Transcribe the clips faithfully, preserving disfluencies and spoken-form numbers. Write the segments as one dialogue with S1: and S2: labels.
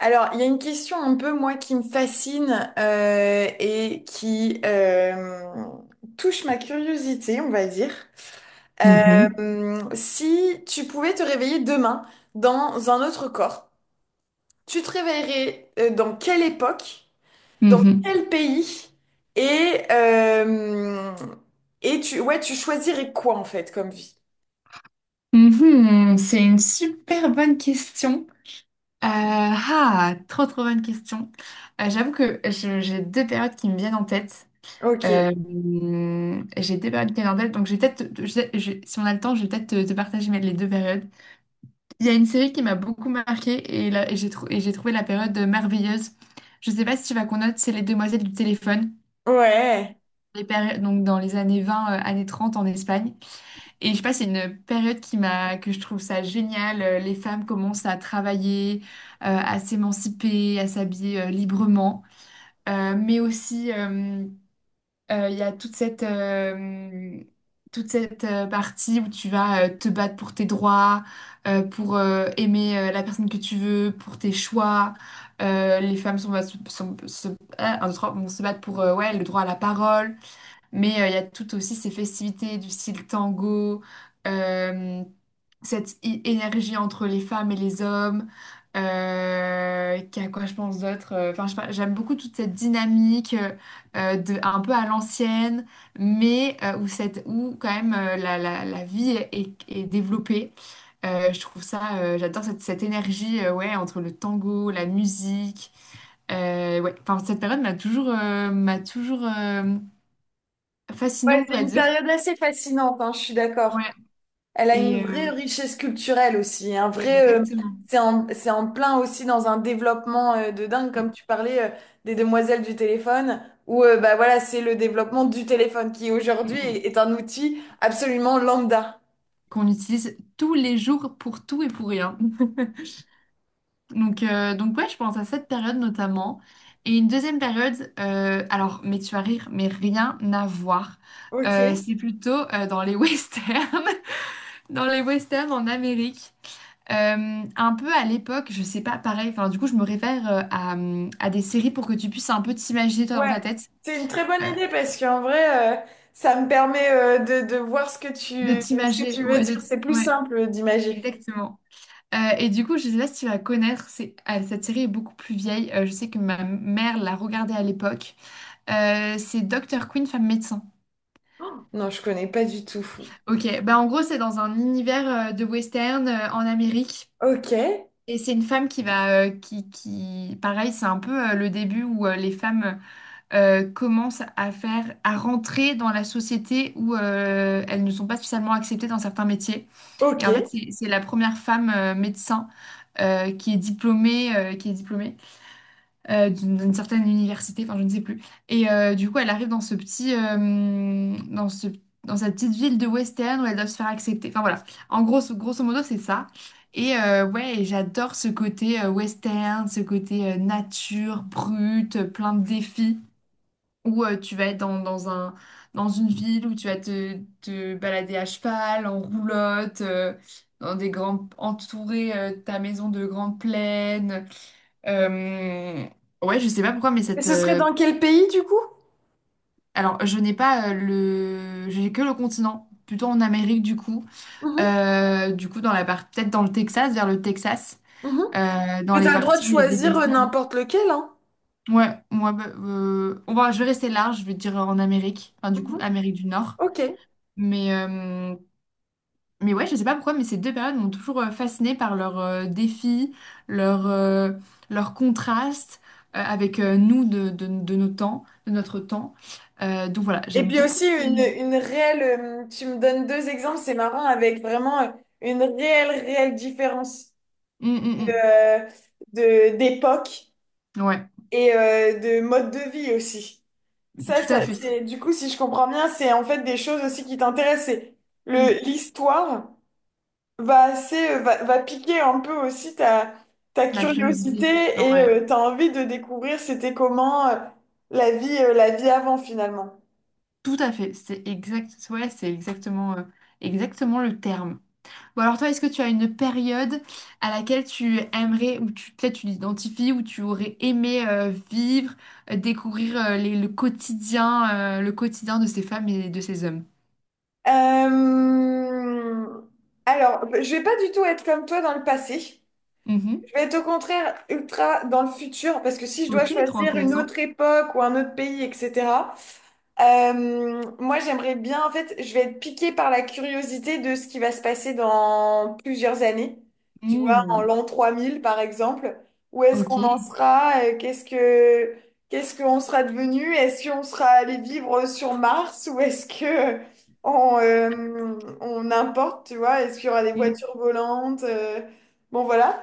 S1: Alors, il y a une question un peu, moi, qui me fascine euh, et qui euh, touche ma curiosité, on va dire.
S2: Mhm,
S1: Euh, si tu pouvais te réveiller demain dans un autre corps, tu te réveillerais euh, dans quelle époque, dans
S2: mhm.
S1: quel pays et, euh, et tu, ouais, tu choisirais quoi, en fait, comme vie?
S2: Mhm, c'est une super bonne question. Euh, ah, trop trop bonne question. Euh, j'avoue que je- j'ai deux périodes qui me viennent en tête.
S1: Ok.
S2: Euh, j'ai deux périodes qui me viennent en tête, donc je vais peut-être, te- je- je- si on a le temps, je vais peut-être te, te partager mes- les deux périodes. Il y a une série qui m'a beaucoup marquée et, là, et j'ai trou- et j'ai trouvé la période merveilleuse. Je sais pas si tu vas connaître, c'est Les Demoiselles du téléphone,
S1: Ouais.
S2: les péri- donc dans les années vingt euh, années trente en Espagne. Et je sais pas, c'est une période qui m'a, que je trouve ça génial. Euh, Les femmes commencent à travailler, euh, à s'émanciper, à s'habiller euh, librement. Euh, mais aussi, euh, euh, il y a toute cette, euh, toute cette euh, partie où tu vas euh, te battre pour tes droits, euh, pour euh, aimer euh, la personne que tu veux, pour tes choix. Euh, les femmes sont, sont- se, ah, un, deux, trois, vont se battre pour euh, ouais, le droit à la parole. Mais euh, il y a tout aussi ces festivités du style tango, euh, cette i- énergie entre les femmes et les hommes. Euh, qu'il a quoi je pense d'autre. euh, Enfin, je sais pas, j'aime beaucoup toute cette dynamique euh, euh, de un peu à l'ancienne, mais euh, où cette où quand même euh, la, la, la vie est, est développée. Euh, je trouve ça, euh, j'adore cette, cette énergie euh, ouais entre le tango, la musique. Euh, ouais, enfin, cette période m'a toujours, euh, m'a toujours euh,
S1: Ouais,
S2: fascinant, on
S1: c'est
S2: va
S1: une
S2: dire.
S1: période assez fascinante, hein, je suis
S2: Ouais,
S1: d'accord. Elle a une
S2: et
S1: vraie
S2: euh,
S1: richesse culturelle aussi, un vrai, euh,
S2: exactement.
S1: c'est en, c'est en plein aussi dans un développement euh, de dingue, comme
S2: Mm,
S1: tu parlais euh, des demoiselles du téléphone, où euh, bah voilà, c'est le développement du téléphone qui
S2: mm,
S1: aujourd'hui
S2: mm.
S1: est, est un outil absolument lambda.
S2: Qu'on utilise tous les jours pour tout et pour rien. Donc, euh, donc ouais, je pense à cette période notamment. Et une deuxième période, euh, alors, mais tu vas rire, mais rien à voir. Euh,
S1: Ok.
S2: c'est plutôt euh, dans les westerns, dans les westerns en Amérique. Euh, un peu à l'époque, je sais pas, pareil, enfin, du coup, je me réfère euh, à, euh, à des séries pour que tu puisses un peu t'imaginer toi dans
S1: Ouais,
S2: ta tête.
S1: c'est une très bonne
S2: Euh,
S1: idée parce qu'en vrai, euh, ça me permet euh, de, de voir ce que
S2: de
S1: tu, ce que
S2: t'imaginer,
S1: tu veux
S2: ouais, de
S1: dire.
S2: t-
S1: C'est plus
S2: ouais,
S1: simple d'imaginer.
S2: exactement. Euh, et du coup, je sais pas si tu vas connaître, c'est- ah, cette série est beaucoup plus vieille. Euh, je sais que ma mère l'a regardée à l'époque. Euh, c'est docteur Quinn, femme médecin.
S1: Oh, non, je connais pas du tout.
S2: Ok, bah en gros, c'est dans un univers euh, de western euh, en Amérique.
S1: Ok,
S2: Et c'est une femme qui va, euh, qui, qui, pareil, c'est un peu euh, le début où euh, les femmes euh, commencent à faire, à rentrer dans la société où euh, elles ne sont pas spécialement acceptées dans certains métiers. Et
S1: ok.
S2: en fait,
S1: Et
S2: c'est c'est la première femme euh, médecin euh, qui est diplômée, euh, qui est diplômée. euh, d'une d'une certaine université, enfin je ne sais plus. Et euh, du coup, elle arrive dans ce petit, euh, dans ce, dans cette petite ville de Western où elle doit se faire accepter. Enfin voilà, en gros, grosso modo, c'est ça. Et euh, ouais, et j'adore ce côté euh, western, ce côté euh, nature, brute, plein de défis. Ou euh, tu vas être dans, dans un, dans une ville où tu vas te, te balader à cheval, en roulotte, euh, dans des grandes, entourer euh, ta maison de grandes plaines. Euh, Ouais, je sais pas pourquoi, mais cette.
S1: ce serait
S2: Euh,
S1: dans quel pays du coup?
S2: Alors, je n'ai pas euh, le. J'ai que le continent, plutôt en Amérique du coup.
S1: Mhm,
S2: Euh, du coup, dans la part... peut-être dans le Texas, vers le Texas,
S1: mhm.
S2: euh, dans
S1: Mais
S2: les
S1: t'as le droit de
S2: parties où il y a des
S1: choisir euh,
S2: westerns.
S1: n'importe lequel, hein.
S2: Ouais, moi, bah, euh, on va... je vais rester large, je vais dire en Amérique, enfin, du coup,
S1: Mhm.
S2: Amérique du Nord.
S1: Ok.
S2: Mais, euh, mais ouais, je sais pas pourquoi, mais ces deux périodes m'ont toujours euh, fascinée par leurs euh, défis, leurs euh, leurs contrastes euh, avec euh, nous de, de, de nos temps, de notre temps. Euh, donc voilà,
S1: Et
S2: j'aime
S1: puis
S2: beaucoup
S1: aussi une,
S2: ces...
S1: une réelle, euh, tu me donnes deux exemples, c'est marrant, avec vraiment euh, une réelle, réelle différence
S2: Hum,
S1: de,
S2: hum,
S1: euh, de- d'époque
S2: hum. Ouais,
S1: et euh, de mode de vie aussi. Ça,
S2: tout à
S1: ça,
S2: fait.
S1: c'est, du coup, si je comprends bien, c'est en fait des choses aussi qui t'intéressent. C'est
S2: Hum.
S1: le, l'histoire. Va, assez- euh, va, va piquer un peu aussi ta, ta
S2: La
S1: curiosité
S2: curiosité.
S1: et
S2: Ouais,
S1: euh, t'as envie de découvrir c'était comment euh, la vie, euh, la vie avant finalement.
S2: tout à fait. C'est exact... ouais, c'est exactement, euh, exactement le terme. Bon alors toi, est-ce que tu as une période à laquelle tu aimerais, ou tu, peut-être tu l'identifies, ou tu aurais aimé euh, vivre, euh, découvrir euh, les- le quotidien, euh, le quotidien de ces femmes et de ces hommes?
S1: Euh, Alors, je vais pas du tout être comme toi dans le passé.
S2: Mhm.
S1: Je vais être au contraire ultra dans le futur parce que si je dois
S2: Ok, trop
S1: choisir une
S2: intéressant.
S1: autre époque ou un autre pays, et cetera Euh, moi, j'aimerais bien, en fait, je vais être piquée par la curiosité de ce qui va se passer dans plusieurs années. Tu vois, en
S2: Mm.
S1: l'an trois mille, par exemple. Où est-ce qu'on
S2: Ok.
S1: en sera? Euh, Qu'est-ce que, qu'est-ce qu'on sera devenu? Est-ce qu'on sera allé vivre sur Mars ou est-ce que on, euh, on importe, tu vois? Est-ce qu'il y aura des
S2: Mm.
S1: voitures volantes? Euh, bon, voilà.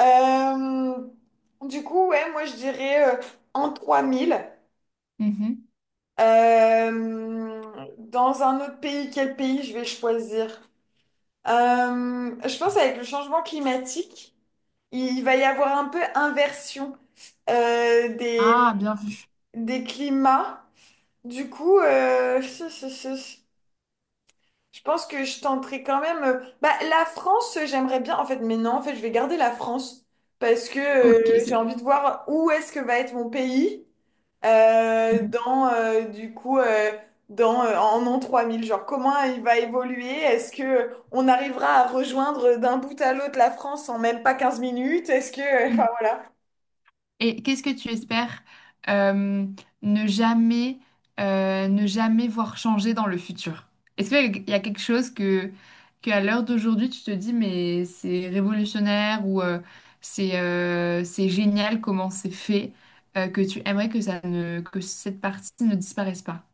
S1: Euh, du coup, ouais, moi, je dirais euh, en trois mille.
S2: Mhm.
S1: Euh, dans un autre pays, quel pays je vais choisir? Euh, je pense avec le changement climatique, il va y avoir un peu inversion euh, des,
S2: Ah, bien vu.
S1: des climats. Du coup, euh, ce- ce- ce- je pense que je tenterai quand même, euh, bah, la France, euh, j'aimerais bien. En fait, mais non, en fait, je vais garder la France parce que
S2: Ok.
S1: euh, j'ai
S2: c'est-
S1: envie de voir où est-ce que va être mon pays, euh,
S2: Mhm.
S1: dans euh, du coup euh, dans euh, en an trois mille, genre comment il va évoluer, est-ce que on arrivera à rejoindre d'un bout à l'autre la France en même pas quinze minutes, est-ce que euh, enfin voilà.
S2: Et qu'est-ce que tu espères euh, ne jamais, euh, ne jamais voir changer dans le futur? Est-ce qu'il y a quelque chose que, que à l'heure d'aujourd'hui, tu te dis, mais c'est révolutionnaire ou euh, c'est euh, c'est génial comment c'est fait, euh, que tu aimerais que ça ne, que cette partie ne disparaisse pas?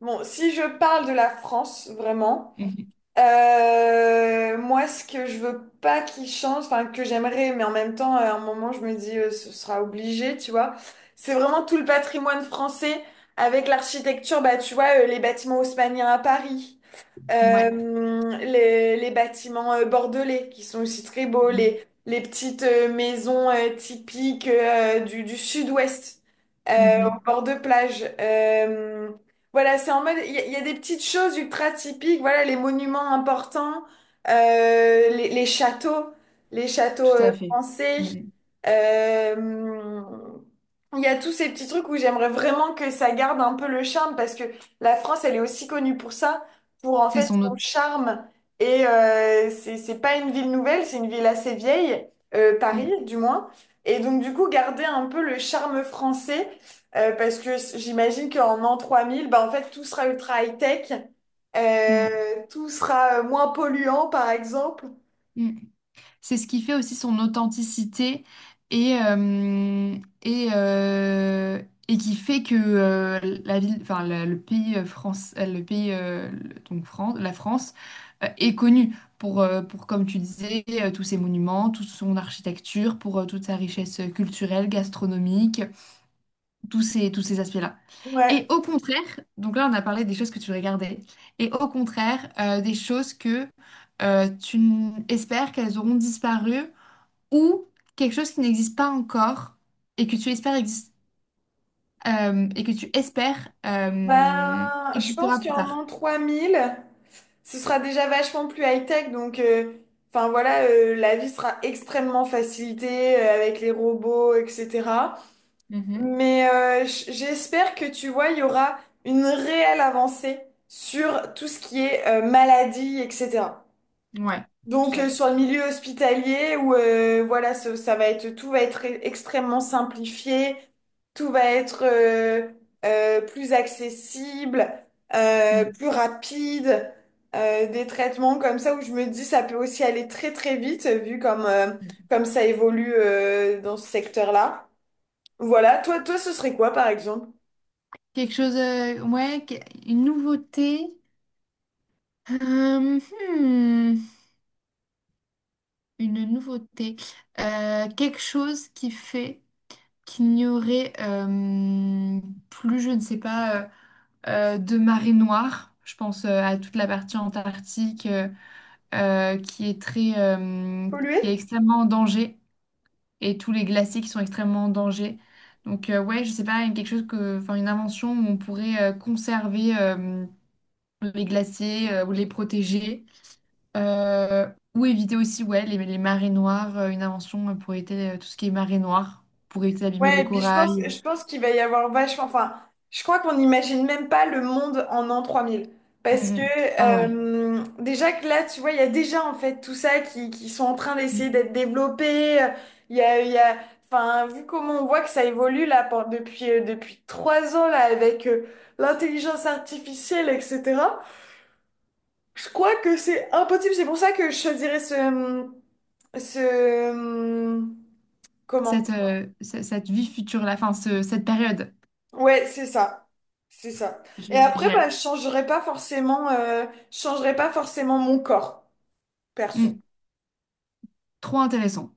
S1: Bon, si je parle de la France vraiment,
S2: Mhm.
S1: euh, moi ce que je veux pas qu'il change, enfin que j'aimerais, mais en même temps euh, à un moment je me dis euh, ce sera obligé, tu vois. C'est vraiment tout le patrimoine français, avec l'architecture, bah tu vois euh, les bâtiments haussmanniens à Paris.
S2: Ouais.
S1: Euh, les, les bâtiments euh, bordelais qui sont aussi très beaux,
S2: Mhm.
S1: les, les petites euh, maisons euh, typiques euh, du, du sud-ouest euh,
S2: Mhm.
S1: au bord de plage. Euh, voilà, c'est en mode, il y, a il y a des petites choses ultra typiques, voilà, les monuments importants, euh, les, les châteaux, les châteaux
S2: Tout
S1: euh,
S2: à fait.
S1: français.
S2: Mhm.
S1: Euh, il y a tous ces petits trucs où j'aimerais vraiment que ça garde un peu le charme, parce que la France, elle est aussi connue pour ça, pour en
S2: C'est
S1: fait
S2: son
S1: son
S2: autre.
S1: charme. Et euh, c'est c'est pas une ville nouvelle, c'est une ville assez vieille, euh, Paris
S2: Mmh,
S1: du moins. Et donc du coup, garder un peu le charme français, euh, parce que s- j'imagine qu'en an trois mille bah, en fait, tout sera ultra high-tech, euh,
S2: mmh,
S1: tout sera euh, moins polluant par exemple.
S2: mmh. C'est ce qui fait aussi son authenticité et, euh, et, euh, et qui fait que euh, la ville, enfin, la- le pays euh, France, euh, le pays euh, le- donc France, la France euh, est connue pour, euh, pour, comme tu disais, euh, tous ses monuments, toute son architecture, pour euh, toute sa richesse culturelle, gastronomique, tous ces, tous ces aspects-là.
S1: Ouais,
S2: Et au contraire, donc là on a parlé des choses que tu regardais, et au contraire euh, des choses que euh, tu n- espères qu'elles auront disparu ou quelque chose qui n'existe pas encore et que tu espères exis- euh, et que tu espères euh,
S1: ben, je pense
S2: existera plus
S1: qu'en
S2: tard.
S1: an trois mille ce sera déjà vachement plus high-tech. Donc, euh, enfin voilà, euh, la vie sera extrêmement facilitée euh, avec les robots, et cetera.
S2: Mhm.
S1: Mais euh, j- j'espère que tu vois, il y aura une réelle avancée sur tout ce qui est euh, maladie, et cetera.
S2: Ouais,
S1: Donc
S2: tout à
S1: euh,
S2: fait.
S1: sur le milieu hospitalier où euh, voilà, ce- ça, va être tout va être e- extrêmement simplifié, tout va être euh, euh, plus accessible, euh,
S2: Mm.
S1: plus rapide, euh, des traitements comme ça où je me dis ça peut aussi aller très très vite vu comme euh, comme ça évolue euh, dans ce secteur-là. Voilà, toi, toi, ce serait quoi, par exemple?
S2: Quelque chose, euh, ouais, que- une nouveauté. Euh, hmm, une nouveauté. Euh, quelque chose qui fait qu'il n'y aurait euh, plus, je ne sais pas, euh, euh, de marée noire. Je pense euh, à toute la partie antarctique. euh, euh, qui est très, euh, qui est
S1: Polluer?
S2: extrêmement en danger et tous les glaciers qui sont extrêmement en danger. Donc euh, ouais, je sais pas, quelque chose que, enfin une invention où on pourrait euh, conserver euh, les glaciers euh, ou les protéger. Euh, ou éviter aussi ouais les, les marées noires. Euh, une invention euh, pour éviter euh, tout ce qui est marée noire, pour éviter d'abîmer le
S1: Ouais, et puis je pense,
S2: corail.
S1: je pense qu'il va y avoir vachement. Enfin, je crois qu'on n'imagine même pas le monde en an trois mille.
S2: Mm,
S1: Parce que
S2: mm. Ah ouais.
S1: euh, déjà que là, tu vois, il y a déjà en fait tout ça qui, qui sont en train d'essayer
S2: Mm.
S1: d'être développés. Il y a, il y a, enfin, vu comment on voit que ça évolue là pour- depuis, euh, depuis trois ans là avec euh, l'intelligence artificielle, et cetera. Je crois que c'est impossible. C'est pour ça que je choisirais ce, ce.
S2: Cette,
S1: Comment?
S2: euh, ce- cette vie future là, enfin ce- cette période.
S1: Ouais, c'est ça. C'est ça. Et
S2: Gé-
S1: après, bah,
S2: Génial.
S1: je changerai pas forcément, euh, je changerai pas forcément mon corps, perso.
S2: Mm. Trop intéressant.